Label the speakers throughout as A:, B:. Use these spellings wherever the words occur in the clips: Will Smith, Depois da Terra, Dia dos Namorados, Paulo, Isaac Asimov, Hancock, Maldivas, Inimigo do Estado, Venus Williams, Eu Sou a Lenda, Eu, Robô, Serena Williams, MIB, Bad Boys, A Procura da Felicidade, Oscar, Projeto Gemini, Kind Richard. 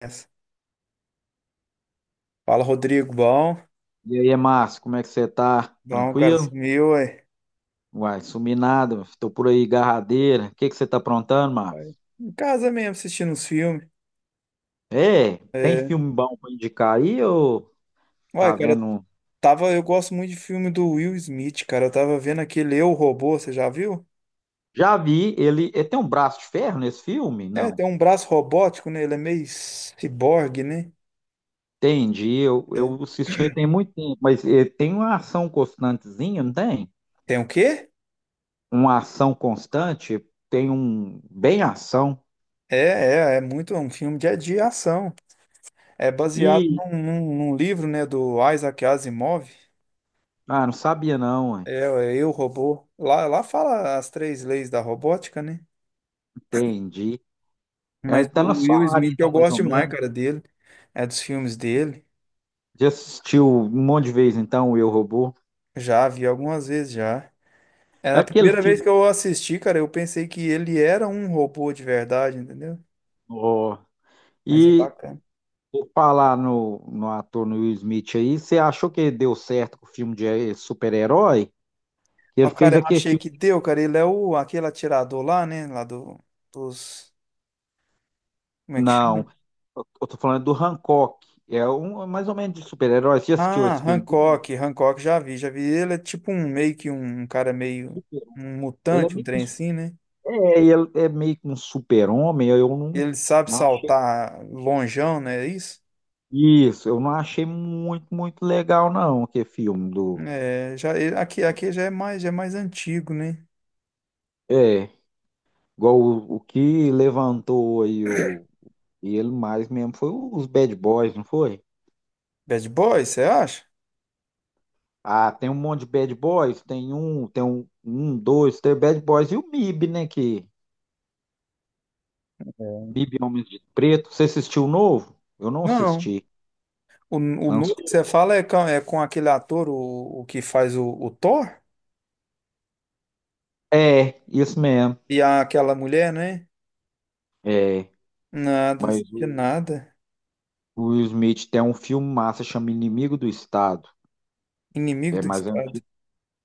A: Essa. Fala, Rodrigo. Bom,
B: E aí, Márcio, como é que você tá?
A: bom, cara,
B: Tranquilo?
A: sumiu, ué.
B: Uai, sumi nada, tô por aí, garradeira. O que que você tá aprontando, Márcio?
A: Aí, em casa mesmo, assistindo uns filmes.
B: É, tem
A: É.
B: filme bom pra indicar aí ou
A: Ué,
B: tá
A: cara,
B: vendo? Um?
A: tava, eu gosto muito de filme do Will Smith, cara. Eu tava vendo aquele Eu, Robô, você já viu?
B: Já vi, ele tem um braço de ferro nesse filme?
A: É,
B: Não.
A: tem um braço robótico, né? Ele é meio ciborgue, né?
B: Entendi, eu,
A: É.
B: eu assisti tem muito tempo, mas ele tem uma ação constantezinha, não tem?
A: Tem o quê?
B: Uma ação constante, tem um bem ação.
A: É, é muito é um filme de ação. É baseado
B: E,
A: num livro, né, do Isaac Asimov.
B: ah, não sabia não, ué.
A: É, é Eu, Robô. Lá fala as três leis da robótica, né?
B: Entendi. É,
A: Mas
B: tá
A: do
B: na
A: Will
B: sua área
A: Smith eu
B: então, mais
A: gosto
B: ou
A: demais,
B: menos.
A: cara, dele. É dos filmes dele.
B: Já assistiu um monte de vezes, então, o Eu, Robô?
A: Já vi algumas vezes já. É
B: É
A: na
B: aquele
A: primeira vez
B: filme.
A: que eu assisti, cara, eu pensei que ele era um robô de verdade, entendeu?
B: Ó.
A: Mas é
B: E
A: bacana.
B: vou falar no, no ator no Will Smith aí, você achou que deu certo com o filme de super-herói? Ele
A: Ó,
B: fez
A: cara, eu
B: aquele
A: achei que
B: filme.
A: deu, cara. Ele é o aquele atirador lá, né? Lá do, dos. Como é que chama?
B: Não, eu tô falando do Hancock. É um é mais ou menos de super-herói. Você já assistiu
A: Ah,
B: esse filme? Dele?
A: Hancock. Hancock já vi, já vi. Ele é tipo um meio que um, cara meio
B: Super-
A: um
B: Ele é
A: mutante, um
B: meio que um,
A: trem
B: su-
A: assim, né?
B: é, ele é meio que um super-homem. Eu não,
A: Ele sabe
B: não achei.
A: saltar lonjão, né? É isso?
B: Isso, eu não achei muito legal, não, aquele filme do.
A: É, já, aqui, já é mais antigo, né?
B: É. Igual o que levantou aí o, ele mais mesmo foi os bad boys, não foi?
A: Bad Boys, você acha?
B: Ah, tem um monte de bad boys, tem um, dois, tem bad boys e o MIB, né? Que
A: É.
B: MIB Homens de Preto. Você assistiu o novo? Eu não
A: Não.
B: assisti.
A: O novo que você
B: Lançou.
A: fala é com aquele ator, o que faz o Thor?
B: É, isso mesmo.
A: E aquela mulher, né?
B: É,
A: Nada, não
B: mas
A: sabia nada.
B: o Will Smith tem um filme massa, chama Inimigo do Estado.
A: Inimigo
B: É
A: do
B: mais
A: Estado.
B: antigo,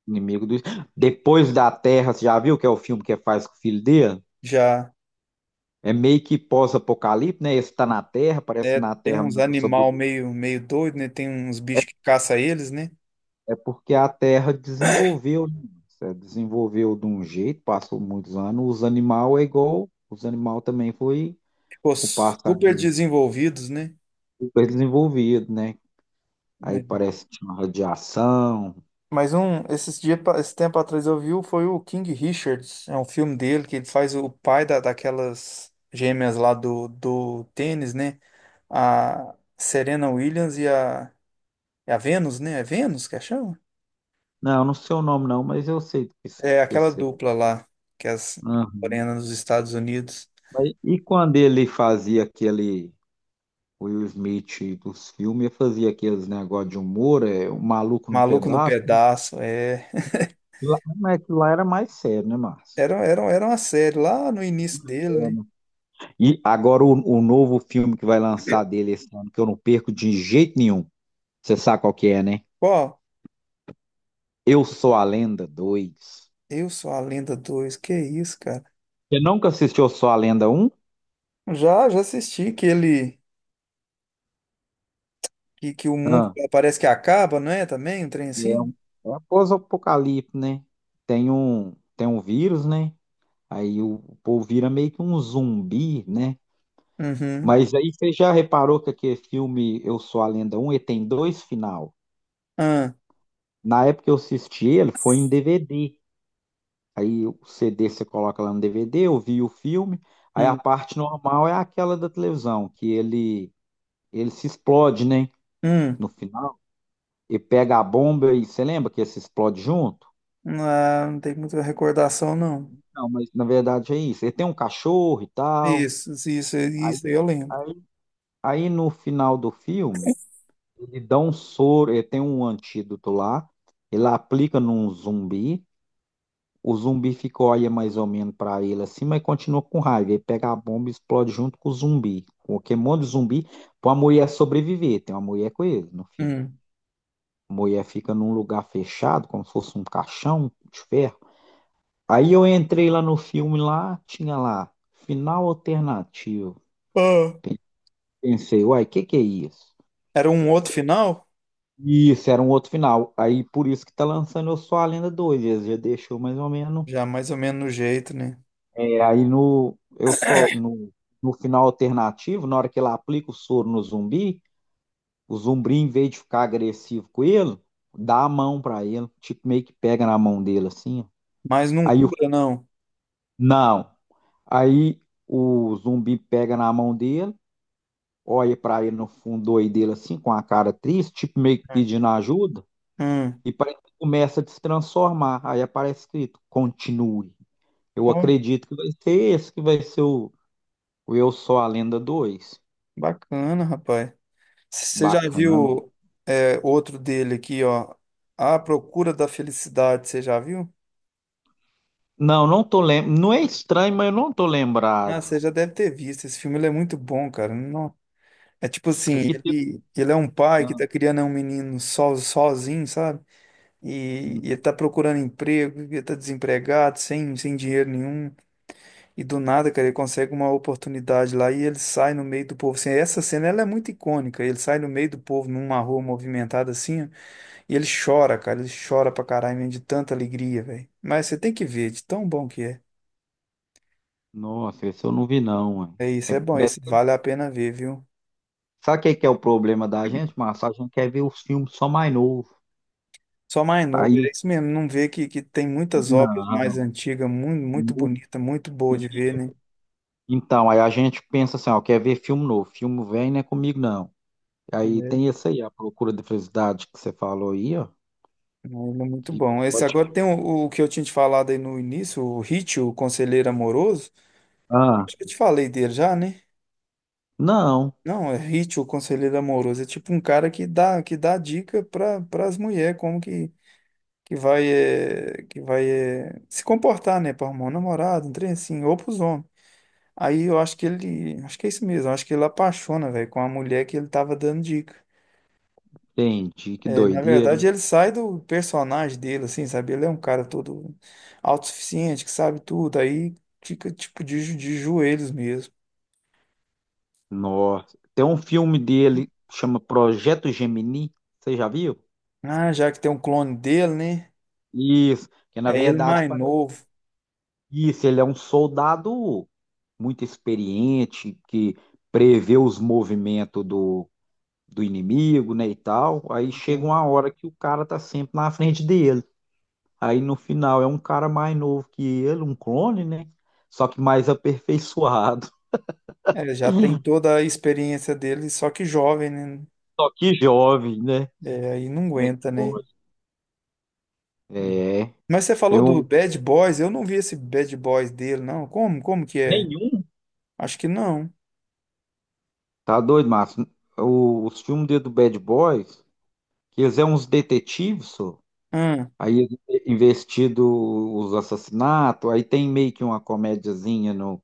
B: Inimigo do Estado. Depois da Terra, você já viu que é o filme que faz com o filho dele?
A: Já.
B: É meio que pós-apocalipse, né? Esse tá na Terra, parece
A: É,
B: que na
A: tem
B: Terra não
A: uns
B: dá pra
A: animal
B: sobreviver.
A: meio, meio doido, né? Tem uns
B: É,
A: bichos que caça eles, né?
B: é porque a Terra desenvolveu, né? Você desenvolveu de um jeito, passou muitos anos. Os animais é igual, os animais também foi
A: Ficou
B: com o passar
A: super
B: de
A: desenvolvidos, né?
B: super desenvolvido, né? Aí
A: É.
B: parece que tinha uma radiação.
A: Mas um, esses dias, esse tempo atrás eu vi, foi o King Richards, é um filme dele que ele faz o pai da, daquelas gêmeas lá do, do tênis, né? A Serena Williams e a, é a Venus, né? É Venus que a chama?
B: Não, eu não sei o nome não, mas eu sei do
A: É
B: que
A: aquela
B: se-
A: dupla lá, que é as
B: Aham.
A: morenas dos Estados Unidos.
B: Mas e quando ele fazia aquele o Will Smith dos filmes, ele fazia aqueles negócios de humor, é, o maluco num
A: Maluco no
B: pedaço.
A: pedaço, é.
B: Lá, é que lá era mais sério, né, Márcio?
A: Era uma série lá no início dele,
B: É,
A: né?
B: né? E agora o novo filme que vai lançar dele esse ano, que eu não perco de jeito nenhum. Você sabe qual que é, né?
A: Qual?
B: Eu Sou a Lenda dois.
A: Eu Sou a Lenda 2 que isso, cara?
B: Você nunca assistiu Eu Sou a Lenda um?
A: Já, já assisti que ele. Que o mundo
B: Ah,
A: parece que acaba, não é? Também, um trem
B: é um
A: assim?
B: é pós-apocalipse, né? Tem um vírus, né? Aí o povo vira meio que um zumbi, né?
A: Uhum.
B: Mas aí você já reparou que aquele filme Eu Sou a Lenda um ele tem dois final.
A: Ah,
B: Na época que eu assisti ele, foi em DVD. Aí o CD você coloca lá no DVD, ouvir o filme. Aí a
A: hum,
B: parte normal é aquela da televisão, que ele se explode, né?
A: hum.
B: No final, e pega a bomba e você lembra que ele se explode junto?
A: Ah, não tem muita recordação, não.
B: Não, mas na verdade é isso. Ele tem um cachorro e tal.
A: Isso, isso,
B: Aí,
A: isso, aí eu lembro.
B: aí, aí no final do filme, ele dá um soro, ele tem um antídoto lá, ele aplica num zumbi. O zumbi ficou olha mais ou menos pra ele assim, mas continua com raiva. Ele pega a bomba e explode junto com o zumbi. Porque um monte de zumbi, pra mulher sobreviver. Tem uma mulher com ele no filme.
A: Hum.
B: A mulher fica num lugar fechado, como se fosse um caixão de ferro. Aí eu entrei lá no filme, lá tinha lá, final alternativo.
A: Ah.
B: Pensei, uai, o que que é isso?
A: Era um outro final?
B: Isso, era um outro final. Aí por isso que tá lançando Eu Sou a Lenda 2. Eles já deixou mais ou menos.
A: Já mais ou menos no jeito, né?
B: É, aí no, eu só no, no final alternativo, na hora que ele aplica o soro no zumbi, o zumbi, em vez de ficar agressivo com ele, dá a mão pra ele, tipo, meio que pega na mão dele assim. Ó.
A: Mas não
B: Aí o,
A: cura, não.
B: não. Aí o zumbi pega na mão dele, olha pra ele no fundo do olho dele assim, com a cara triste, tipo, meio que
A: Hum.
B: pedindo ajuda,
A: Hum.
B: e parece que começa a se transformar. Aí aparece escrito: continue. Eu
A: Ó,
B: acredito que vai ser esse que vai ser o Eu Sou a Lenda dois.
A: bacana, rapaz. Você já
B: Bacana.
A: viu é, outro dele aqui, ó? A Procura da Felicidade, você já viu?
B: Não, não tô lembrando. Não é estranho, mas eu não tô
A: Ah,
B: lembrado.
A: você já deve ter visto. Esse filme ele é muito bom, cara. É tipo
B: É
A: assim,
B: que tem...
A: ele é um pai que
B: ah,
A: tá criando um menino sozinho, sabe? E ele
B: uhum.
A: tá procurando emprego, e ele tá desempregado, sem, sem dinheiro nenhum. E do nada, cara, ele consegue uma oportunidade lá e ele sai no meio do povo. Assim, essa cena, ela é muito icônica. Ele sai no meio do povo, numa rua movimentada assim, ó, e ele chora, cara. Ele chora pra caralho, mesmo, de tanta alegria, velho. Mas você tem que ver, de tão bom que é.
B: Nossa, esse eu não vi não, ué.
A: É
B: É,
A: isso, é bom,
B: de-
A: isso vale a pena ver, viu?
B: Sabe o que que é o problema da gente, Márcio? A gente quer ver os filmes só mais novos.
A: Só mais novo,
B: Aí, o-
A: é isso mesmo. Não vê que tem muitas obras mais
B: não.
A: antigas, muito, muito
B: Não.
A: bonita, muito boa de ver, né?
B: Então, aí a gente pensa assim, ó, quer ver filme novo. Filme velho não é comigo, não. Aí
A: É,
B: tem esse aí, a Procura da Felicidade que você falou aí, ó.
A: é, ele é muito
B: Que
A: bom. Esse
B: pode...
A: agora tem o que eu tinha te falado aí no início, o Hit, o Conselheiro Amoroso.
B: ah,
A: Acho que eu te falei dele já, né?
B: não.
A: Não, é Hit, o Conselheiro Amoroso. É tipo um cara que dá dica para as mulheres como que vai, que vai se comportar, né? Para arrumar um namorado, um trem assim, ou para os homens. Aí eu acho que ele. Acho que é isso mesmo. Acho que ele apaixona, velho, com a mulher que ele tava dando dica.
B: Entendi, que
A: É, na
B: doideira,
A: verdade,
B: hein?
A: ele sai do personagem dele, assim, sabe? Ele é um cara todo autossuficiente, que sabe tudo. Aí fica, tipo, de, de joelhos mesmo.
B: Nossa. Tem um filme dele que chama Projeto Gemini. Você já viu?
A: Ah, já que tem um clone dele, né?
B: Isso. Que na
A: É ele
B: verdade
A: mais
B: parece
A: novo.
B: isso. Ele é um soldado muito experiente que prevê os movimentos do, do inimigo, né, e tal. Aí chega
A: Né?
B: uma hora que o cara tá sempre na frente dele. Aí no final é um cara mais novo que ele, um clone, né? Só que mais aperfeiçoado.
A: É, já tem toda a experiência dele, só que jovem, né?
B: Só que jovem, né?
A: É, aí não
B: Como é que
A: aguenta, né?
B: pode?
A: Hum.
B: É.
A: Mas você
B: Tem
A: falou do
B: um.
A: Bad Boys, eu não vi esse Bad Boys dele, não. Como? Como que é?
B: Nenhum?
A: Acho que não.
B: Tá doido, Márcio? O- Os filmes dele do Bad Boys, que eles é uns detetives, só.
A: Hum.
B: Aí eles é investido os assassinatos, aí tem meio que uma comédiazinha no,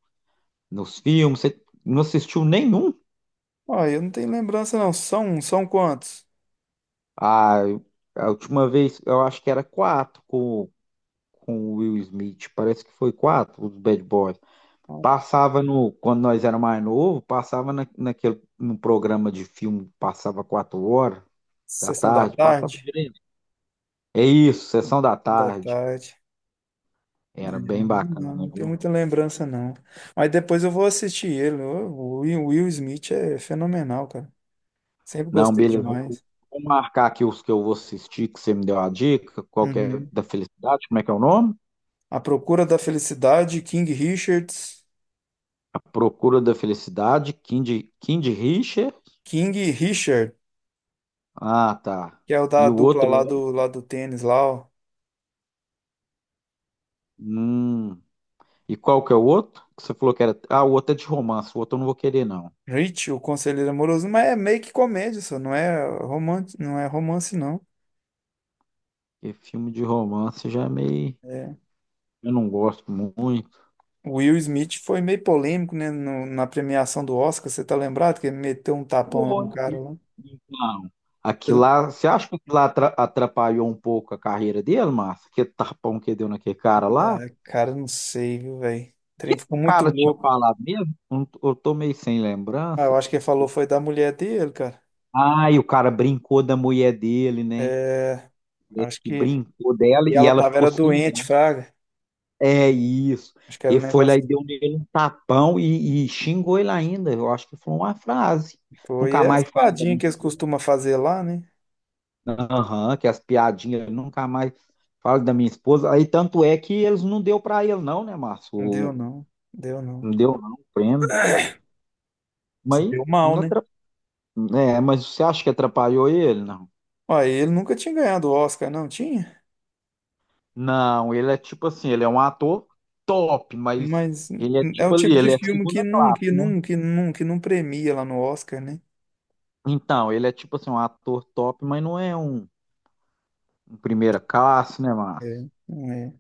B: nos filmes. Você não assistiu nenhum?
A: Ó, eu não tenho lembrança, não. São, são quantos?
B: Ah, eu- a última vez eu acho que era quatro com o Will Smith. Parece que foi quatro, os Bad Boys. Passava no, quando nós era mais novo, passava na, naquele, no programa de filme, passava quatro horas da
A: Sessão da
B: tarde, passava
A: tarde?
B: direto. É isso, sessão da
A: Sessão da
B: tarde.
A: tarde. É,
B: Era bem
A: não,
B: bacana,
A: não tenho
B: viu?
A: muita lembrança, não. Mas depois eu vou assistir ele. O Will, Will Smith é fenomenal, cara. Sempre
B: Não,
A: gostei
B: beleza. Vou
A: demais.
B: vou marcar aqui os que eu vou assistir, que você me deu a dica. Qual que é
A: Uhum.
B: da felicidade? Como é que é o nome?
A: A Procura da Felicidade, King Richards.
B: A Procura da Felicidade, Kind Richard.
A: King Richard,
B: Ah, tá.
A: que é o da
B: E o
A: dupla
B: outro é.
A: lá do tênis, lá, ó.
B: Hum. E qual que é o outro? Que você falou que era. Ah, o outro é de romance. O outro eu não vou querer, não.
A: Rich, o Conselheiro Amoroso, mas é meio que comédia, só não é romance, não é romance, não.
B: Porque filme de romance já é meio.
A: É.
B: Eu não gosto muito.
A: O Will Smith foi meio polêmico, né, na premiação do Oscar, você tá lembrado que ele meteu um tapão lá no
B: Foi.
A: cara lá?
B: Então, aquilo
A: Ele-
B: lá, você acha que aquilo lá atra- atrapalhou um pouco a carreira dele, Márcio? Aquele tapão que deu naquele cara lá? O
A: Ah, cara, não sei, viu, velho? O
B: que
A: trem
B: o
A: ficou muito
B: cara tinha
A: louco.
B: falado mesmo? Eu não tô eu tô meio sem
A: Ah, eu
B: lembrança.
A: acho que ele falou foi da mulher dele, cara.
B: Ah, e o cara brincou da mulher dele, né?
A: É,
B: Parece
A: acho
B: que
A: que.
B: brincou dela
A: E
B: e
A: ela
B: ela
A: tava,
B: ficou
A: era
B: sem
A: doente,
B: graça.
A: fraga.
B: É isso.
A: Acho que era um
B: Ele foi lá
A: negócio
B: e deu nele um tapão e xingou ele ainda. Eu acho que foi uma frase.
A: que foi. E
B: Nunca
A: é as
B: mais fale da
A: piadinhas
B: minha.
A: que eles costumam fazer lá, né?
B: Aham, que as piadinhas nunca mais falam da minha esposa. Aí tanto é que eles não deu pra ele não, né, Márcio?
A: Não deu,
B: O-
A: não. Deu, não.
B: não deu não o prêmio.
A: Se
B: Mas
A: deu mal,
B: não
A: né?
B: atra- é, mas você acha que atrapalhou ele? Não.
A: Ó, ele nunca tinha ganhado o Oscar, não tinha?
B: Não, ele é tipo assim, ele é um ator top, mas
A: Mas
B: ele é
A: é o
B: tipo
A: tipo
B: ali,
A: de
B: ele é
A: filme que
B: segunda
A: nunca, que
B: classe, né?
A: nunca, que nunca, que não premia lá no Oscar, né?
B: Então, ele é tipo assim, um ator top, mas não é um, um primeira classe, né, Márcio?
A: É, não é.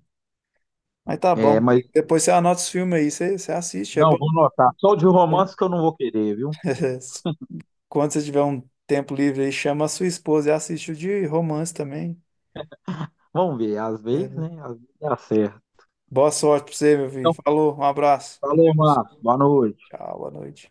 A: Mas tá bom,
B: É, mas
A: Rodrigo. Depois você anota os filmes aí, você, você assiste, é bom.
B: não, vou notar. Só o de romance que eu não vou querer, viu?
A: Quando você tiver um tempo livre aí, chama a sua esposa e assiste o de romance também.
B: Vamos ver, às vezes,
A: É.
B: né? Às vezes dá certo.
A: Boa sorte pra você, meu filho.
B: Então,
A: Falou, um abraço. Com
B: falou,
A: Deus.
B: Marco. Boa noite.
A: Tchau, boa noite.